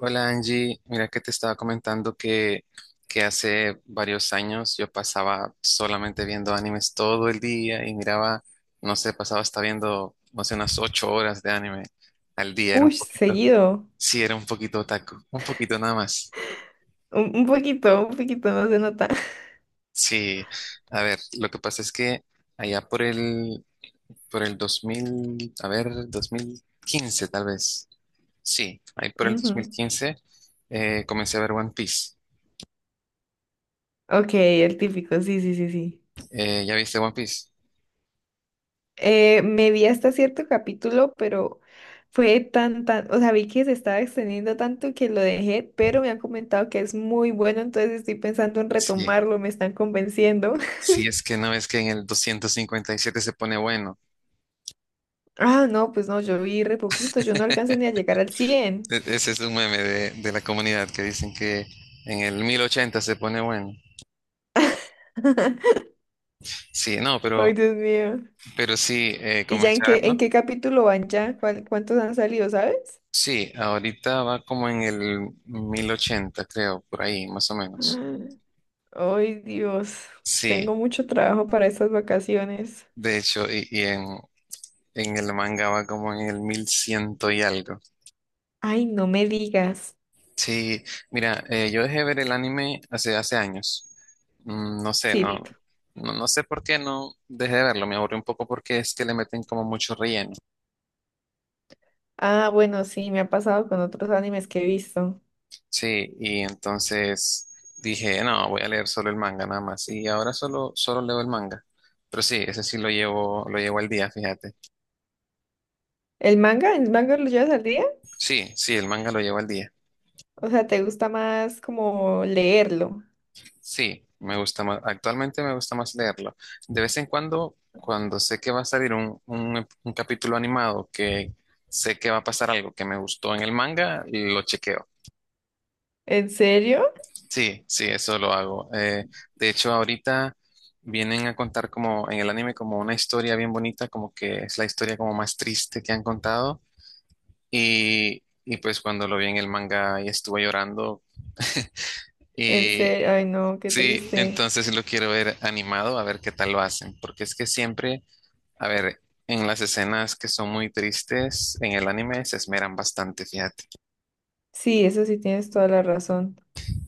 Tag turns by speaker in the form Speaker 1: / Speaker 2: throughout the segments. Speaker 1: Hola Angie, mira que te estaba comentando que hace varios años yo pasaba solamente viendo animes todo el día y miraba, no sé, pasaba hasta viendo, no sé, unas 8 horas de anime al día. Era
Speaker 2: Uy,
Speaker 1: un poquito,
Speaker 2: seguido.
Speaker 1: sí, era un poquito otaku, un poquito nada más.
Speaker 2: Un poquito, un poquito, no se nota.
Speaker 1: Sí, a ver, lo que pasa es que allá por el 2000, a ver, 2015 tal vez, sí, ahí por el
Speaker 2: Ujú.
Speaker 1: 2015 comencé a ver One Piece.
Speaker 2: Ok, el típico, sí, sí, sí, sí.
Speaker 1: ¿Ya viste One Piece?
Speaker 2: Me vi hasta cierto capítulo, pero fue tan, tan, o sea, vi que se estaba extendiendo tanto que lo dejé, pero me han comentado que es muy bueno, entonces estoy pensando en
Speaker 1: Sí,
Speaker 2: retomarlo, me están convenciendo.
Speaker 1: sí, es que no, es que en el 257 se pone bueno.
Speaker 2: Ah, no, pues no, yo vi re poquito, yo no alcanzo ni a llegar al 100.
Speaker 1: Ese es un meme de la comunidad que dicen que en el 1080 se pone bueno. Sí, no,
Speaker 2: Ay,
Speaker 1: pero,
Speaker 2: Dios mío.
Speaker 1: pero sí,
Speaker 2: ¿Y ya en qué, en
Speaker 1: comenzarlo.
Speaker 2: qué capítulo van ya? ¿ Cuántos han salido, sabes?
Speaker 1: Sí, ahorita va como en el 1080, creo, por ahí, más o menos.
Speaker 2: Ay, Dios, tengo
Speaker 1: Sí,
Speaker 2: mucho trabajo para estas vacaciones.
Speaker 1: de hecho, y en el manga va como en el 1100 y algo.
Speaker 2: Ay, no me digas.
Speaker 1: Sí, mira, yo dejé ver el anime hace años. No sé, no,
Speaker 2: Sí.
Speaker 1: no, no sé por qué no dejé de verlo. Me aburrió un poco porque es que le meten como mucho relleno.
Speaker 2: Ah, bueno, sí, me ha pasado con otros animes que he visto.
Speaker 1: Sí, y entonces dije, no, voy a leer solo el manga nada más. Y ahora solo leo el manga. Pero sí, ese sí lo llevo al día, fíjate.
Speaker 2: ¿El manga? ¿El manga lo llevas al día?
Speaker 1: Sí, sí, el manga lo llevo al día.
Speaker 2: O sea, ¿te gusta más como leerlo?
Speaker 1: Sí, me gusta más, actualmente me gusta más leerlo. De vez en cuando, cuando sé que va a salir un capítulo animado, que sé que va a pasar algo que me gustó en el manga, lo chequeo.
Speaker 2: ¿En serio?
Speaker 1: Sí, sí, eso lo hago. De hecho, ahorita vienen a contar como en el anime como una historia bien bonita, como que es la historia como más triste que han contado. Y pues cuando lo vi en el manga y estuve llorando.
Speaker 2: ¿En
Speaker 1: Y
Speaker 2: serio? Ay, no, qué
Speaker 1: sí,
Speaker 2: triste.
Speaker 1: entonces sí lo quiero ver animado, a ver qué tal lo hacen, porque es que siempre, a ver, en las escenas que son muy tristes en el anime se esmeran bastante, fíjate.
Speaker 2: Sí, eso sí tienes toda la razón.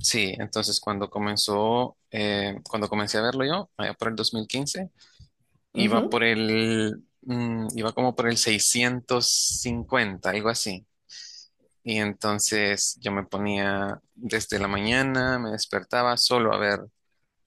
Speaker 1: Sí, entonces cuando comencé a verlo yo, allá por el 2015,
Speaker 2: Ujú.
Speaker 1: iba como por el 650, algo así. Y entonces yo me ponía desde la mañana, me despertaba solo a ver,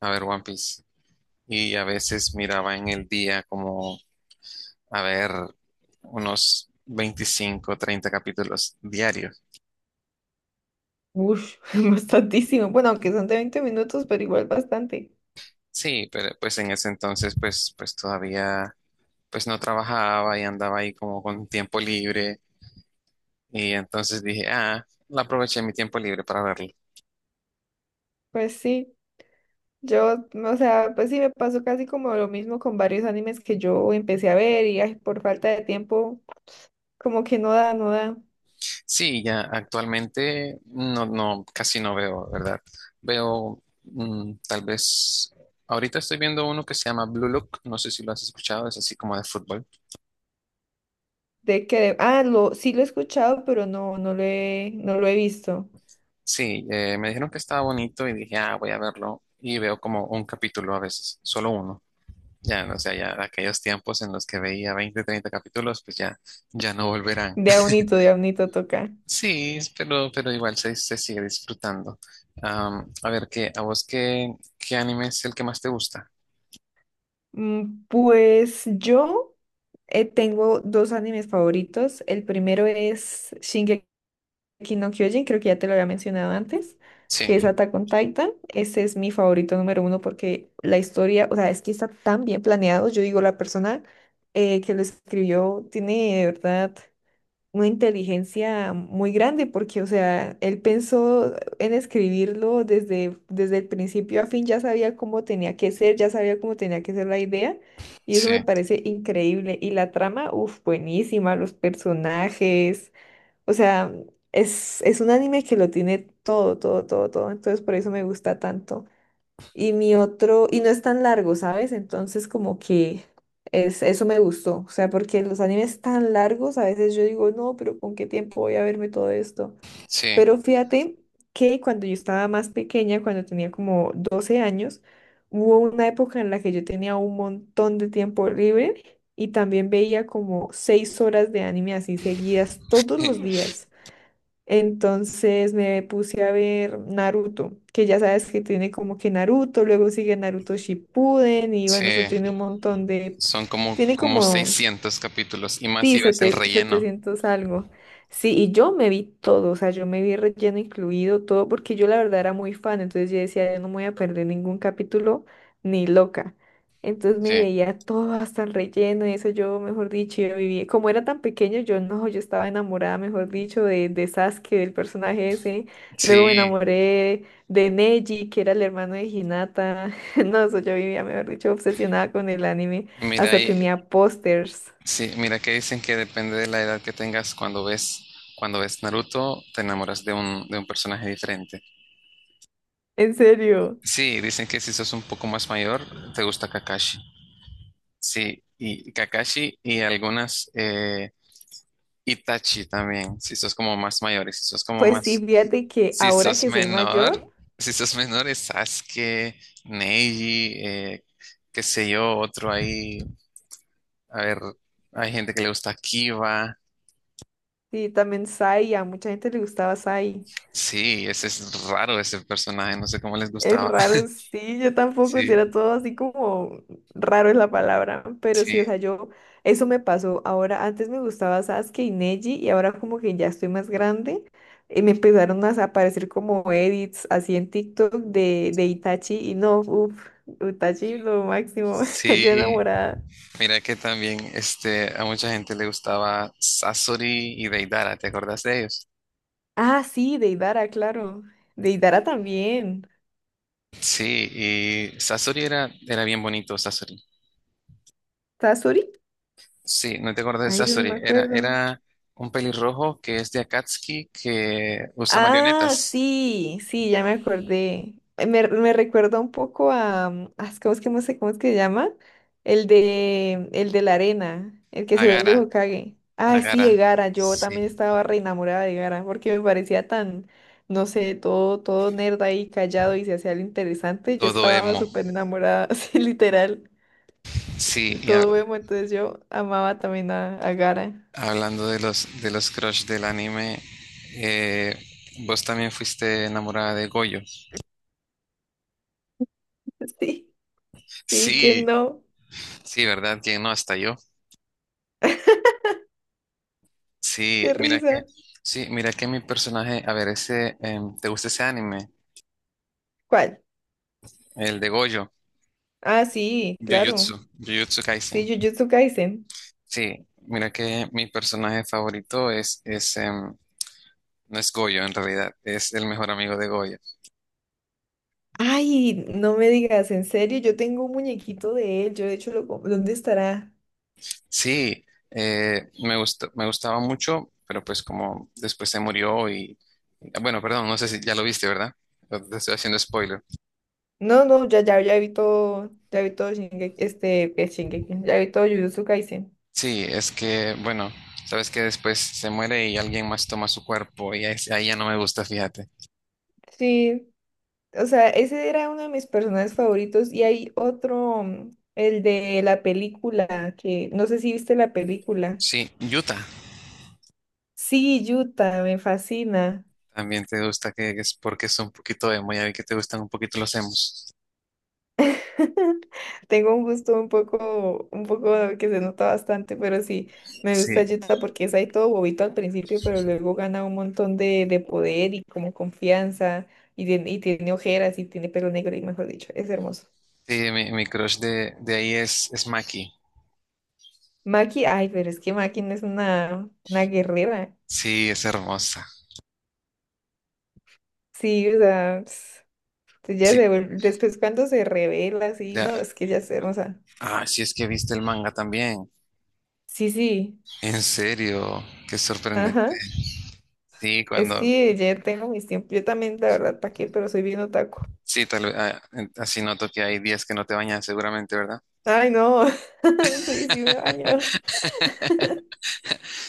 Speaker 1: a ver One Piece. Y a veces miraba en el día como, a ver, unos 25 30 capítulos diarios.
Speaker 2: Ush, bastantísimo. Bueno, aunque son de 20 minutos, pero igual bastante.
Speaker 1: Sí, pero pues en ese entonces pues todavía pues no trabajaba y andaba ahí como con tiempo libre, y entonces dije, ah, la aproveché mi tiempo libre para verlo.
Speaker 2: Pues sí. Yo, o sea, pues sí me pasó casi como lo mismo con varios animes que yo empecé a ver y ay, por falta de tiempo, como que no da, no da.
Speaker 1: Sí, ya actualmente no, no, casi no veo, ¿verdad? Veo tal vez, ahorita estoy viendo uno que se llama Blue Look, no sé si lo has escuchado, es así como de fútbol.
Speaker 2: De que, ah, lo, sí lo he escuchado, pero no, no lo he, no lo he visto.
Speaker 1: Sí, me dijeron que estaba bonito y dije, ah, voy a verlo. Y veo como un capítulo a veces, solo uno. Ya, o sea, ya aquellos tiempos en los que veía 20 30 capítulos, pues ya, ya no volverán.
Speaker 2: De Aunito toca.
Speaker 1: Sí, pero igual se sigue disfrutando. A ver, a vos qué anime es el que más te gusta?
Speaker 2: Mm, pues yo tengo dos animes favoritos. El primero es Shingeki no Kyojin, creo que ya te lo había mencionado antes, que es
Speaker 1: Sí,
Speaker 2: Attack on Titan. Ese es mi favorito número uno porque la historia, o sea, es que está tan bien planeado. Yo digo, la persona que lo escribió tiene de verdad una inteligencia muy grande porque, o sea, él pensó en escribirlo desde el principio a fin, ya sabía cómo tenía que ser, ya sabía cómo tenía que ser la idea. Y eso
Speaker 1: sí,
Speaker 2: me parece increíble. Y la trama, uff, buenísima, los personajes. O sea, es un anime que lo tiene todo, todo, todo, todo. Entonces por eso me gusta tanto. Y mi otro, y no es tan largo, ¿sabes? Entonces como que es, eso me gustó. O sea, porque los animes tan largos, a veces yo digo, no, pero ¿con qué tiempo voy a verme todo esto?
Speaker 1: sí,
Speaker 2: Pero fíjate que cuando yo estaba más pequeña, cuando tenía como 12 años, hubo una época en la que yo tenía un montón de tiempo libre y también veía como 6 horas de anime así seguidas todos los días. Entonces me puse a ver Naruto, que ya sabes que tiene como que Naruto, luego sigue Naruto Shippuden y bueno, eso tiene
Speaker 1: sí.
Speaker 2: un montón de,
Speaker 1: Son como,
Speaker 2: tiene
Speaker 1: como
Speaker 2: como
Speaker 1: 600 capítulos y más si
Speaker 2: sí,
Speaker 1: ves el relleno.
Speaker 2: 700 algo. Sí, y yo me vi todo, o sea, yo me vi relleno incluido, todo, porque yo la verdad era muy fan, entonces yo decía, yo no me voy a perder ningún capítulo, ni loca. Entonces me
Speaker 1: Sí,
Speaker 2: veía todo hasta el relleno, y eso yo, mejor dicho, yo vivía, como era tan pequeño, yo no, yo estaba enamorada, mejor dicho, de Sasuke, del personaje ese. Luego me
Speaker 1: sí.
Speaker 2: enamoré de Neji, que era el hermano de Hinata. No, eso yo vivía, mejor dicho, obsesionada con el anime,
Speaker 1: Mira,
Speaker 2: hasta
Speaker 1: y
Speaker 2: tenía pósters.
Speaker 1: Sí, mira que dicen que depende de la edad que tengas cuando ves Naruto, te enamoras de un personaje diferente.
Speaker 2: En serio.
Speaker 1: Sí, dicen que si sos un poco más mayor, te gusta Kakashi. Sí, y Kakashi y algunas Itachi también, si sos como más mayor y
Speaker 2: Pues sí, fíjate que
Speaker 1: si
Speaker 2: ahora
Speaker 1: sos
Speaker 2: que soy
Speaker 1: menor,
Speaker 2: mayor,
Speaker 1: si sos menor es Sasuke, Neji, qué sé yo, otro ahí, a ver, hay gente que le gusta Kiba.
Speaker 2: sí, también Sai, a mucha gente le gustaba Sai.
Speaker 1: Sí, ese es raro ese personaje, no sé cómo les
Speaker 2: Es
Speaker 1: gustaba.
Speaker 2: raro, sí, yo tampoco, si
Speaker 1: Sí,
Speaker 2: era todo así como raro es la palabra, pero sí,
Speaker 1: sí,
Speaker 2: o sea, yo, eso me pasó. Ahora, antes me gustaba Sasuke y Neji, y ahora como que ya estoy más grande, y me empezaron a aparecer como edits así en TikTok de Itachi, y no, uff, Itachi lo máximo, yo
Speaker 1: sí.
Speaker 2: enamorada.
Speaker 1: Mira que también este, a mucha gente le gustaba Sasori y Deidara, ¿te acordás de ellos?
Speaker 2: Ah, sí, de Idara, claro, de Idara también.
Speaker 1: Sí, y Sasori era bien bonito, Sasori.
Speaker 2: ¿Tazuri?
Speaker 1: Sí, no te acordás de
Speaker 2: Ahí sí no
Speaker 1: Sasori,
Speaker 2: me
Speaker 1: era,
Speaker 2: acuerdo.
Speaker 1: era un pelirrojo que es de Akatsuki que usa
Speaker 2: Ah,
Speaker 1: marionetas.
Speaker 2: sí, sí, ya me acordé. Me recuerda un poco a, ¿cómo es que no sé cómo es que se llama? El de la arena, el que se
Speaker 1: Agara,
Speaker 2: vuelve Hokage. Ay,
Speaker 1: Agara.
Speaker 2: sí, de Gaara, yo
Speaker 1: Sí,
Speaker 2: también estaba re enamorada de Gaara porque me parecía tan, no sé, todo, todo nerd ahí callado y se hacía lo interesante. Yo
Speaker 1: todo
Speaker 2: estaba
Speaker 1: emo.
Speaker 2: súper enamorada, así literal,
Speaker 1: Sí.
Speaker 2: todo vemos, entonces yo amaba también a Gaara.
Speaker 1: Hablando de los crush del anime, eh, vos también fuiste enamorada de Goyo.
Speaker 2: Sí, sí, ¿quién
Speaker 1: Sí,
Speaker 2: no?
Speaker 1: sí, ¿verdad? ¿Quién no? Hasta yo. Sí,
Speaker 2: Qué
Speaker 1: mira que,
Speaker 2: risa.
Speaker 1: sí, mira que mi personaje, a ver, ese, ¿te gusta ese anime?
Speaker 2: ¿Cuál?
Speaker 1: El de Goyo.
Speaker 2: Ah, sí, claro.
Speaker 1: Jujutsu, Jujutsu Kaisen.
Speaker 2: Sí, Jujutsu Kaisen.
Speaker 1: Sí, mira que mi personaje favorito no es Goyo en realidad, es el mejor amigo de Goyo.
Speaker 2: Ay, no me digas, en serio, yo tengo un muñequito de él. Yo de hecho ¿dónde estará?
Speaker 1: Sí, me gustó, me gustaba mucho, pero pues como después se murió. Y, bueno, perdón, no sé si ya lo viste, ¿verdad? Te estoy haciendo spoiler.
Speaker 2: No, no, ya, ya, ya vi todo Shingeki, ya vi todo Jujutsu Kaisen.
Speaker 1: Sí, es que, bueno, sabes que después se muere y alguien más toma su cuerpo y ahí ya no me gusta, fíjate.
Speaker 2: Sí, o sea, ese era uno de mis personajes favoritos y hay otro, el de la película, que no sé si viste la película.
Speaker 1: Sí, Utah,
Speaker 2: Sí, Yuta, me fascina.
Speaker 1: también te gusta, que es porque es un poquito emo, ya vi que te gustan un poquito los emos.
Speaker 2: Tengo un gusto un poco que se nota bastante, pero sí, me
Speaker 1: Sí,
Speaker 2: gusta Utah porque es ahí todo bobito al principio, pero luego gana un montón de, poder y como confianza, y tiene ojeras y tiene pelo negro, y mejor dicho, es hermoso.
Speaker 1: sí, mi crush de ahí es Maki.
Speaker 2: Maki, ay, pero es que Maki no es una guerrera.
Speaker 1: Sí, es hermosa.
Speaker 2: Sí, o sea, ps, ya
Speaker 1: Sí,
Speaker 2: se vuelve- después cuando se revela, así,
Speaker 1: mira,
Speaker 2: no, es que ya es hermosa.
Speaker 1: sí es que viste el manga también.
Speaker 2: Sí, sí,
Speaker 1: En serio, qué sorprendente.
Speaker 2: ajá.
Speaker 1: Sí,
Speaker 2: Es que ya tengo mis tiempos, yo también, la verdad, ¿para qué? Pero soy bien otaku.
Speaker 1: sí, tal vez, así noto que hay días que no te bañas seguramente, ¿verdad?
Speaker 2: Ay, no. Sí, sí me baño.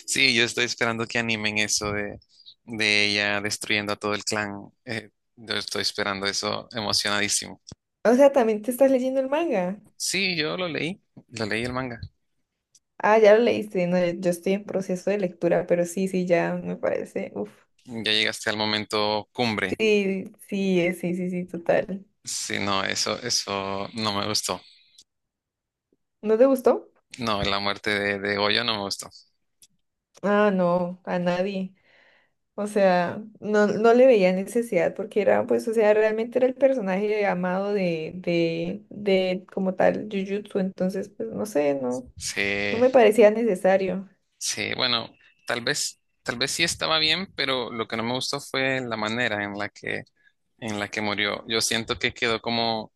Speaker 1: Sí, yo estoy esperando que animen eso de ella destruyendo a todo el clan. Eh, yo estoy esperando eso emocionadísimo.
Speaker 2: O sea, también te estás leyendo el manga.
Speaker 1: Sí, yo lo leí el manga.
Speaker 2: Ah, ya lo leíste. No, yo estoy en proceso de lectura, pero sí, sí, ya me parece. Uf.
Speaker 1: Ya llegaste al momento cumbre.
Speaker 2: Sí, sí, sí, sí, sí, total.
Speaker 1: Sí, no, eso no me gustó.
Speaker 2: ¿No te gustó?
Speaker 1: No, la muerte de Goyo no me gustó.
Speaker 2: Ah, no, a nadie. O sea, no, no le veía necesidad porque era, pues, o sea, realmente era el personaje amado de como tal, Jujutsu. Entonces, pues, no sé, no, no me
Speaker 1: Sí.
Speaker 2: parecía necesario.
Speaker 1: Sí, bueno, tal vez sí estaba bien, pero lo que no me gustó fue la manera en la que murió. Yo siento que quedó como,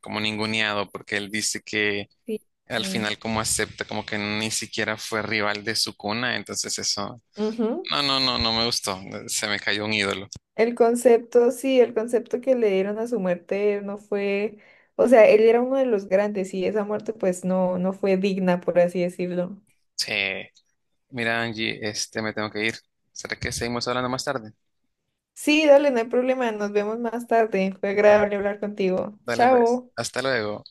Speaker 1: como ninguneado, porque él dice que
Speaker 2: Sí.
Speaker 1: al
Speaker 2: y-
Speaker 1: final como acepta, como que ni siquiera fue rival de su cuna. Entonces eso,
Speaker 2: Ujú.
Speaker 1: no, no, no, no me gustó. Se me cayó un ídolo.
Speaker 2: El concepto, sí, el concepto que le dieron a su muerte no fue, o sea, él era uno de los grandes y esa muerte pues no, no fue digna, por así decirlo.
Speaker 1: Sí, mira, Angie, este, me tengo que ir. ¿Será que seguimos hablando más tarde?
Speaker 2: Sí, dale, no hay problema, nos vemos más tarde. Fue
Speaker 1: Vale.
Speaker 2: agradable hablar contigo.
Speaker 1: Dale pues,
Speaker 2: Chao.
Speaker 1: hasta luego.